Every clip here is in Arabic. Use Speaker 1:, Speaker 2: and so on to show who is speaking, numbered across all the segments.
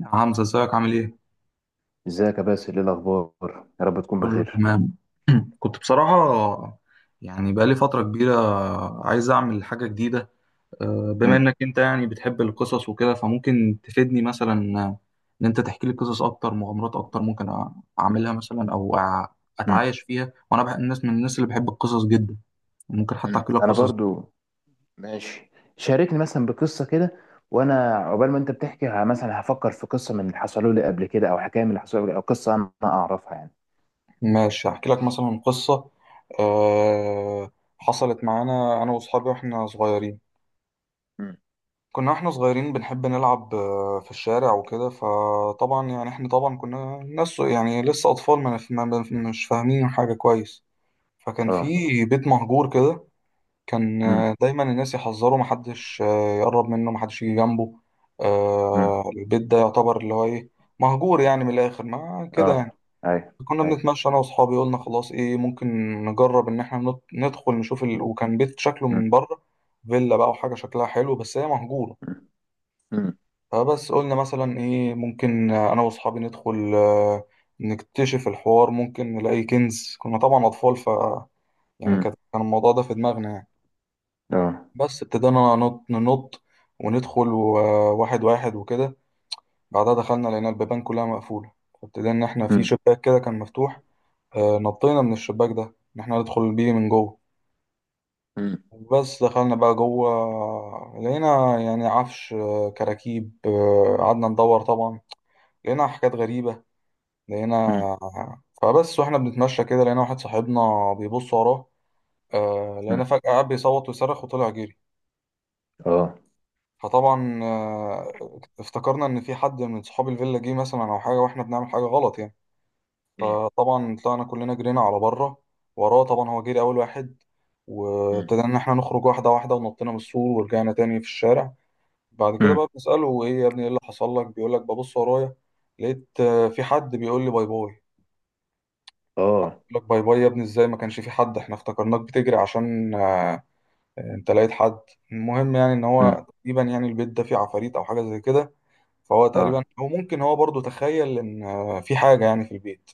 Speaker 1: يا حمزة ازيك عامل ايه؟
Speaker 2: ازيك يا باسل، ايه الاخبار؟ يا رب تكون
Speaker 1: كله
Speaker 2: بخير.
Speaker 1: تمام. كنت بصراحة، يعني بقالي فترة كبيرة عايز أعمل حاجة جديدة. بما
Speaker 2: مم.
Speaker 1: إنك أنت يعني بتحب القصص وكده فممكن تفيدني مثلا، إن أنت تحكي لي قصص أكتر، مغامرات أكتر. ممكن أعملها مثلا أو
Speaker 2: مم.
Speaker 1: أتعايش فيها، وأنا بحب الناس، من الناس اللي بحب القصص جدا. ممكن حتى
Speaker 2: مم.
Speaker 1: أحكي لك
Speaker 2: انا
Speaker 1: قصص.
Speaker 2: برضو ماشي. شاركني مثلا بقصه كده، وانا عقبال ما انت بتحكي مثلا هفكر في قصه من اللي حصلوا لي قبل كده، او حكايه من اللي حصلوا لي او قصه انا اعرفها يعني.
Speaker 1: ماشي، أحكي لك مثلا قصة، آه، حصلت معانا أنا وأصحابي وإحنا صغيرين.
Speaker 2: مم.
Speaker 1: احنا صغيرين بنحب نلعب، في الشارع وكده. فطبعا يعني احنا طبعا كنا ناس، يعني لسه اطفال، ما نف- ما- ما- مش فاهمين حاجة كويس. فكان في
Speaker 2: اه.
Speaker 1: بيت مهجور كده. كان
Speaker 2: مم.
Speaker 1: دايما الناس يحذروا، محدش يقرب منه، محدش يجي جنبه.
Speaker 2: مم.
Speaker 1: البيت ده يعتبر اللي هو ايه، مهجور يعني، من الاخر ما كده
Speaker 2: اه.
Speaker 1: يعني.
Speaker 2: اي.
Speaker 1: كنا
Speaker 2: اي.
Speaker 1: بنتمشى انا واصحابي، قلنا خلاص ايه، ممكن نجرب ان احنا ندخل نشوف وكان بيت شكله
Speaker 2: مم.
Speaker 1: من بره فيلا بقى، وحاجة شكلها حلو، بس هي مهجورة.
Speaker 2: مم. مم.
Speaker 1: فبس قلنا مثلا ايه، ممكن انا واصحابي ندخل، نكتشف الحوار، ممكن نلاقي كنز. كنا طبعا اطفال، ف يعني
Speaker 2: مم.
Speaker 1: كان الموضوع ده في دماغنا يعني.
Speaker 2: اه.
Speaker 1: بس ابتدينا ننط ننط وندخل واحد واحد وكده. بعدها دخلنا لقينا البيبان كلها مقفولة، فابتدينا ان احنا في
Speaker 2: مم.
Speaker 1: شباك كده كان مفتوح، نطينا من الشباك ده، ان احنا ندخل بيه من جوه.
Speaker 2: مم.
Speaker 1: بس دخلنا بقى جوه، لقينا يعني عفش، كراكيب. قعدنا ندور طبعا، لقينا حاجات غريبة.
Speaker 2: مم.
Speaker 1: لقينا، فبس واحنا بنتمشى كده لقينا واحد صاحبنا بيبص وراه، آه
Speaker 2: مم.
Speaker 1: لقينا فجأة قاعد بيصوت ويصرخ وطلع جري.
Speaker 2: اه.
Speaker 1: فطبعا آه افتكرنا ان في حد من صحاب الفيلا جه مثلا او حاجة، واحنا بنعمل حاجة غلط يعني.
Speaker 2: مم.
Speaker 1: فطبعا طلعنا كلنا جرينا على بره وراه، طبعا هو جري اول واحد.
Speaker 2: مم.
Speaker 1: وابتدينا ان احنا نخرج واحدة واحدة، ونطينا من السور ورجعنا تاني في الشارع. بعد كده
Speaker 2: مم.
Speaker 1: بقى بنسأله، ايه يا ابني ايه اللي حصل لك؟ بيقول لك، ببص ورايا لقيت، في حد بيقول لي باي باي.
Speaker 2: اه.
Speaker 1: لك باي باي يا ابني ازاي، ما كانش في حد، احنا افتكرناك بتجري عشان انت لقيت حد. المهم يعني ان
Speaker 2: مم.
Speaker 1: هو تقريبا يعني البيت ده فيه عفاريت او حاجه زي كده. فهو تقريبا،
Speaker 2: اه.
Speaker 1: او ممكن هو برضو تخيل ان في حاجه يعني في البيت.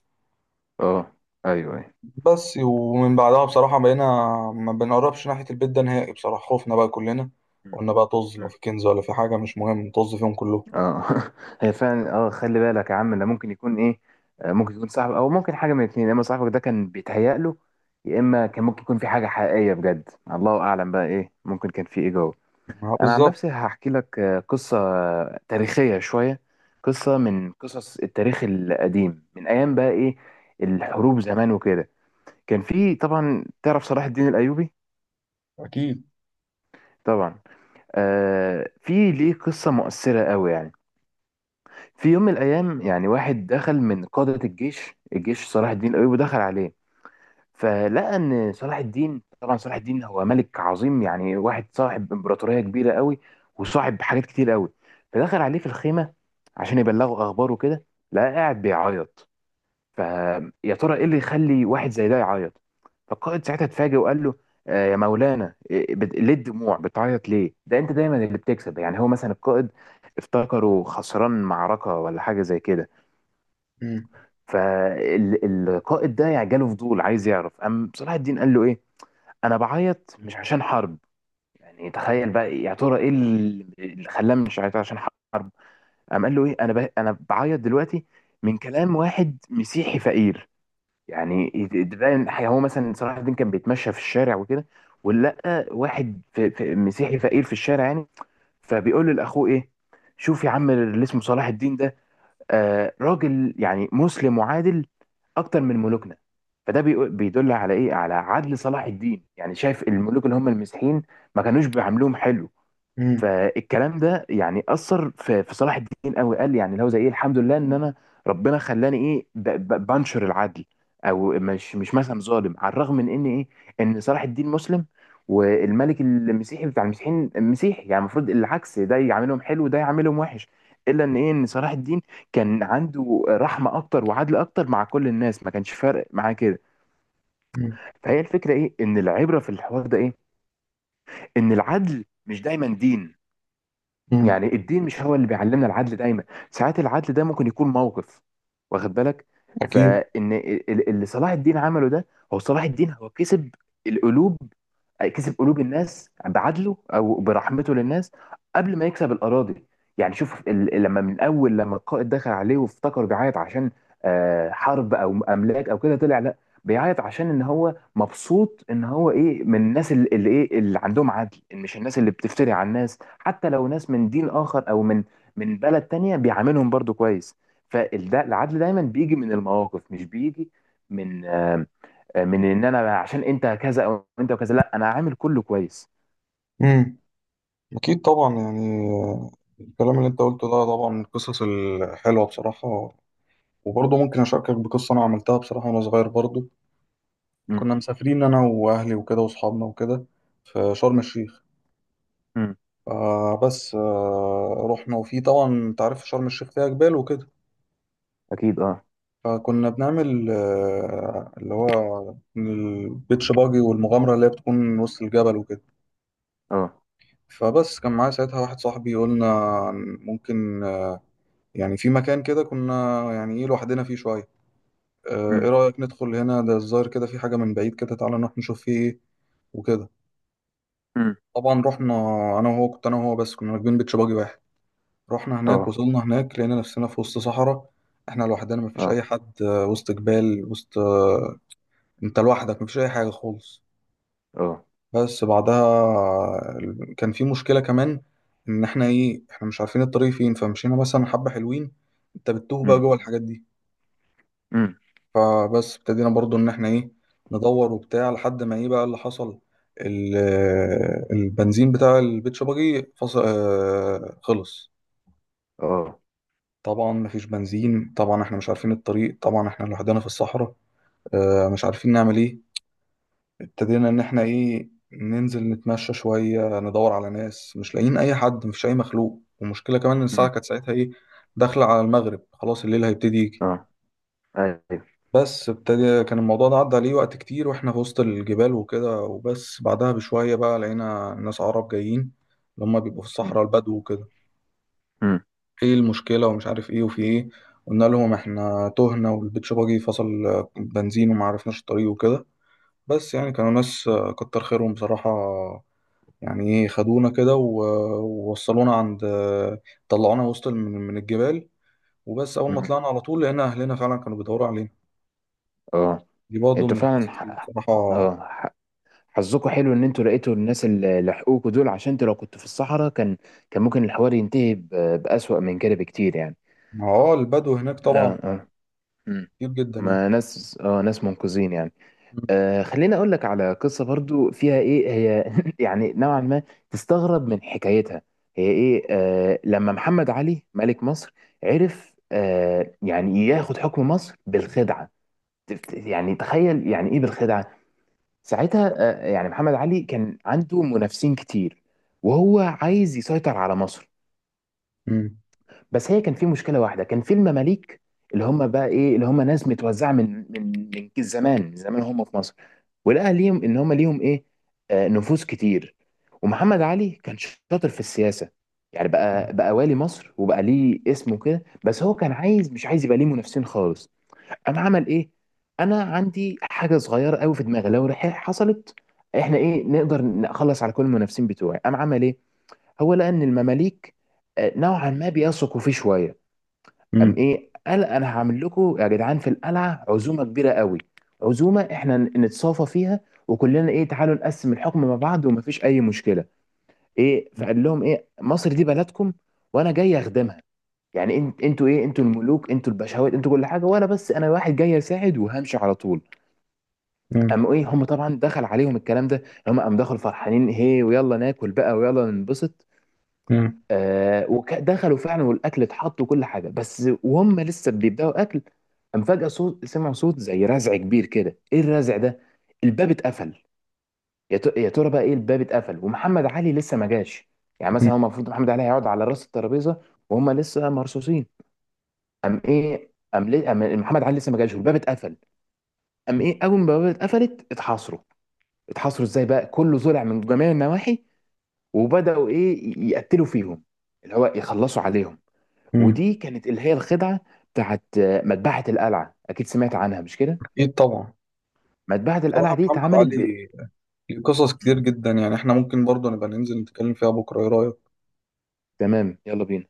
Speaker 2: اه. ايوه.
Speaker 1: بس ومن بعدها بصراحه بقينا ما بنقربش ناحيه البيت ده نهائي. بصراحه خوفنا بقى كلنا، قلنا بقى طز لو
Speaker 2: ايوه.
Speaker 1: في كنز ولا في حاجه، مش مهم، نطز فيهم كلهم.
Speaker 2: اه. هي فعلا. اه، خلي بالك يا عم، ده ممكن يكون ايه. ممكن يكون صاحبك، او ممكن حاجه من الاثنين: يا اما صاحبك ده كان بيتهيأ له، يا اما كان ممكن يكون في حاجه حقيقيه بجد. الله اعلم بقى ايه ممكن كان في ايه جوه. انا عن
Speaker 1: بالظبط.
Speaker 2: نفسي هحكي لك قصه تاريخيه شويه، قصه من قصص التاريخ القديم، من ايام بقى ايه، الحروب زمان وكده. كان في طبعا، تعرف صلاح الدين الايوبي؟
Speaker 1: اكيد.
Speaker 2: طبعا. في ليه قصه مؤثره قوي يعني. في يوم من الايام يعني واحد دخل من قادة الجيش الجيش صلاح الدين الايوبي، دخل عليه فلقى ان صلاح الدين، طبعا صلاح الدين هو ملك عظيم يعني، واحد صاحب امبراطورية كبيرة قوي، وصاحب حاجات كتير قوي. فدخل عليه في الخيمة عشان يبلغه اخباره كده، لقى قاعد بيعيط. فيا ترى ايه اللي يخلي واحد زي ده يعيط؟ فالقائد ساعتها اتفاجئ وقال له: يا مولانا إيه، ليه الدموع؟ بتعيط ليه؟ ده انت دايما اللي بتكسب. يعني هو مثلا القائد افتكره خسران معركة ولا حاجة زي كده.
Speaker 1: امم
Speaker 2: فالقائد ده يعني جاله فضول عايز يعرف. قام صلاح الدين قال له ايه: انا بعيط مش عشان حرب. يعني تخيل بقى، يا ترى ايه اللي خلاه مش عيط عشان حرب. قام قال له ايه، انا بعيط دلوقتي من كلام واحد مسيحي فقير. يعني تبان هو مثلا صلاح الدين كان بيتمشى في الشارع وكده، ولقى واحد في مسيحي فقير في الشارع يعني، فبيقول لأخوه إيه: شوف يا عم اللي اسمه صلاح الدين ده، راجل يعني مسلم وعادل أكتر من ملوكنا. فده بيدل على إيه؟ على عدل صلاح الدين. يعني شايف الملوك اللي هم المسيحيين ما كانوش بيعاملوهم حلو.
Speaker 1: امم
Speaker 2: فالكلام ده يعني اثر في صلاح الدين قوي، قال لي يعني لو زي ايه، الحمد لله ان انا ربنا خلاني ايه بنشر العدل، او مش مثلا ظالم، على الرغم من ان ايه، ان صلاح الدين مسلم، والملك المسيحي بتاع المسيحيين مسيحي، يعني المفروض العكس، ده يعاملهم حلو وده يعاملهم وحش. الا ان ايه، ان صلاح الدين كان عنده رحمه اكتر وعدل اكتر مع كل الناس، ما كانش فارق معاه كده. فهي الفكره ايه، ان العبره في الحوار ده ايه: ان العدل مش دايما دين.
Speaker 1: امم
Speaker 2: يعني الدين مش هو اللي بيعلمنا العدل دايما، ساعات العدل ده ممكن يكون موقف، واخد بالك.
Speaker 1: اكيد.
Speaker 2: فان اللي صلاح الدين عمله ده، هو صلاح الدين هو كسب القلوب، كسب قلوب الناس بعدله او برحمته للناس قبل ما يكسب الاراضي. يعني شوف لما من اول لما القائد دخل عليه، وافتكر بيعيط عشان حرب او املاك او كده، طلع لا، بيعيط عشان ان هو مبسوط ان هو ايه، من الناس اللي ايه، اللي عندهم عدل، إن مش الناس اللي بتفتري على الناس، حتى لو ناس من دين اخر او من بلد تانية بيعاملهم برضو كويس. فالده، العدل دايما بيجي من المواقف، مش بيجي من من ان انا عشان انت كذا، او انت وكذا، لا، انا عامل كله كويس.
Speaker 1: مم. أكيد طبعا يعني، الكلام اللي أنت قلته ده طبعا من القصص الحلوة بصراحة. وبرضه ممكن أشاركك بقصة أنا عملتها بصراحة وأنا صغير برضه.
Speaker 2: مم.
Speaker 1: كنا مسافرين أنا وأهلي وكده وأصحابنا وكده في شرم الشيخ.
Speaker 2: مم.
Speaker 1: فبس رحنا، وفي طبعا أنت عارف شرم الشيخ فيها جبال وكده.
Speaker 2: اكيد. اه.
Speaker 1: فكنا بنعمل اللي هو البيتش باجي، والمغامرة اللي هي بتكون وسط الجبل وكده.
Speaker 2: اه.
Speaker 1: فبس كان معايا ساعتها واحد صاحبي، قلنا ممكن، يعني في مكان كده كنا يعني ايه لوحدنا فيه شوية، ايه
Speaker 2: مم.
Speaker 1: رأيك ندخل هنا، ده الظاهر كده في حاجة من بعيد كده، تعالى نروح نشوف فيه ايه وكده.
Speaker 2: مم.
Speaker 1: طبعا رحنا انا وهو، كنت انا وهو بس، كنا راكبين بيتش باجي واحد. رحنا هناك،
Speaker 2: اه.
Speaker 1: وصلنا هناك لقينا نفسنا في وسط صحراء، احنا لوحدنا مفيش
Speaker 2: اه.
Speaker 1: اي حد، وسط جبال وسط، انت لوحدك مفيش اي حاجة خالص.
Speaker 2: اه.
Speaker 1: بس بعدها، كان في مشكلة كمان، ان احنا ايه احنا مش عارفين الطريق فين. فمشينا مثلا حبة حلوين، انت بتتوه بقى
Speaker 2: مم.
Speaker 1: جوه الحاجات دي.
Speaker 2: مم.
Speaker 1: فبس ابتدينا برضو ان احنا ايه ندور وبتاع، لحد ما ايه بقى اللي حصل، ال- البنزين بتاع البيت شباجي فص... آه، خلص.
Speaker 2: اه.
Speaker 1: طبعا مفيش بنزين، طبعا احنا مش عارفين الطريق، طبعا احنا لوحدنا في الصحراء، مش عارفين نعمل ايه. ابتدينا ان احنا ايه ننزل نتمشى شوية ندور على ناس، مش لاقيين اي حد، مفيش اي مخلوق. والمشكلة كمان ان الساعة
Speaker 2: مم.
Speaker 1: كانت ساعتها ايه، داخلة على المغرب، خلاص الليل هيبتدي يجي.
Speaker 2: اه. ايوه.
Speaker 1: بس ابتدى كان الموضوع ده عدى عليه وقت كتير واحنا في وسط الجبال وكده. وبس بعدها بشوية بقى لقينا ناس عرب جايين، اللي هم بيبقوا في الصحراء البدو وكده.
Speaker 2: مم.
Speaker 1: ايه المشكلة ومش عارف ايه وفي ايه، قلنا لهم احنا تهنا والبيتش باجي فصل بنزين وما عرفناش الطريق وكده. بس يعني كانوا ناس كتر خيرهم بصراحة. يعني ايه خدونا كده ووصلونا عند، طلعونا وسط من الجبال. وبس أول ما
Speaker 2: مم.
Speaker 1: طلعنا على طول لقينا أهلنا فعلا كانوا بيدوروا علينا.
Speaker 2: اه.
Speaker 1: دي برضه
Speaker 2: انتوا
Speaker 1: من القصص
Speaker 2: فعلا
Speaker 1: اللي بصراحة.
Speaker 2: اه ح- حظكم حلو ان انتوا لقيتوا الناس اللي لحقوكوا دول، عشان انتوا لو كنتوا في الصحراء كان ممكن الحوار ينتهي بأسوأ من كده بكتير يعني.
Speaker 1: ما هو البدو هناك طبعا
Speaker 2: اه. اه. مم.
Speaker 1: كتير جدا يعني.
Speaker 2: ما ناس منقذين يعني.
Speaker 1: مم.
Speaker 2: خليني اقول لك على قصة برضو فيها ايه، هي يعني نوعا ما تستغرب من حكايتها. هي ايه، لما محمد علي ملك مصر، عرف يعني ياخد حكم مصر بالخدعة. يعني تخيل يعني ايه بالخدعة؟ ساعتها يعني محمد علي كان عنده منافسين كتير، وهو عايز يسيطر على مصر.
Speaker 1: مم.
Speaker 2: بس هي كان في مشكله واحده، كان في المماليك، اللي هم بقى ايه، اللي هم ناس متوزعه من زمان، من زمان هم في مصر، ولقى ليهم ان هم ليهم ايه، نفوذ كتير. ومحمد علي كان شاطر في السياسه، يعني بقى والي مصر وبقى ليه اسمه كده، بس هو كان عايز، مش عايز يبقى ليه منافسين خالص. انا عمل ايه؟ انا عندي حاجه صغيره قوي في دماغي، لو حصلت احنا ايه، نقدر نخلص على كل المنافسين بتوعي. قام عمل ايه؟ هو لقى ان المماليك نوعا ما بيثقوا فيه شويه. قام
Speaker 1: مم.
Speaker 2: ايه، قال انا هعمل لكم يا جدعان في القلعه عزومه كبيره قوي، عزومه احنا نتصافى فيها، وكلنا ايه، تعالوا نقسم الحكم مع بعض ومفيش اي مشكله. ايه، فقال لهم ايه، مصر دي بلدكم وانا جاي اخدمها. يعني انتوا ايه، انتوا الملوك، انتوا البشوات، انتوا كل حاجه، وانا بس انا واحد جاي اساعد وهمشي على طول.
Speaker 1: مم.
Speaker 2: قاموا ايه، هم طبعا دخل عليهم الكلام ده، هم قام دخلوا فرحانين: هي ويلا ناكل بقى ويلا ننبسط.
Speaker 1: مم.
Speaker 2: ودخلوا فعلا، والاكل اتحط وكل حاجه، بس وهم لسه بيبداوا اكل، قام فجاه صوت، سمعوا صوت زي رزع كبير كده. ايه الرزع ده؟ الباب اتقفل. يا ترى بقى ايه، الباب اتقفل ومحمد علي لسه ما جاش؟ يعني مثلا هو المفروض محمد علي هيقعد على راس الترابيزه وهم لسه مرصوصين. قام ايه، قام ليه؟ قام محمد علي لسه ما جاش والباب اتقفل. قام ايه، اول ما البوابه اتقفلت، اتحاصروا. اتحاصروا ازاي بقى؟ كله ظلع من جميع النواحي، وبداوا ايه، يقتلوا فيهم، اللي هو يخلصوا عليهم.
Speaker 1: مم.
Speaker 2: ودي كانت اللي هي الخدعه بتاعت مذبحه القلعه، اكيد سمعت عنها مش كده؟
Speaker 1: أكيد طبعا.
Speaker 2: مذبحه القلعه
Speaker 1: بصراحة
Speaker 2: دي
Speaker 1: محمد
Speaker 2: اتعملت.
Speaker 1: علي ليه قصص
Speaker 2: م.
Speaker 1: كتير جدا يعني، احنا ممكن برضه نبقى ننزل نتكلم فيها بكرة، ايه رأيك؟
Speaker 2: تمام، يلا بينا.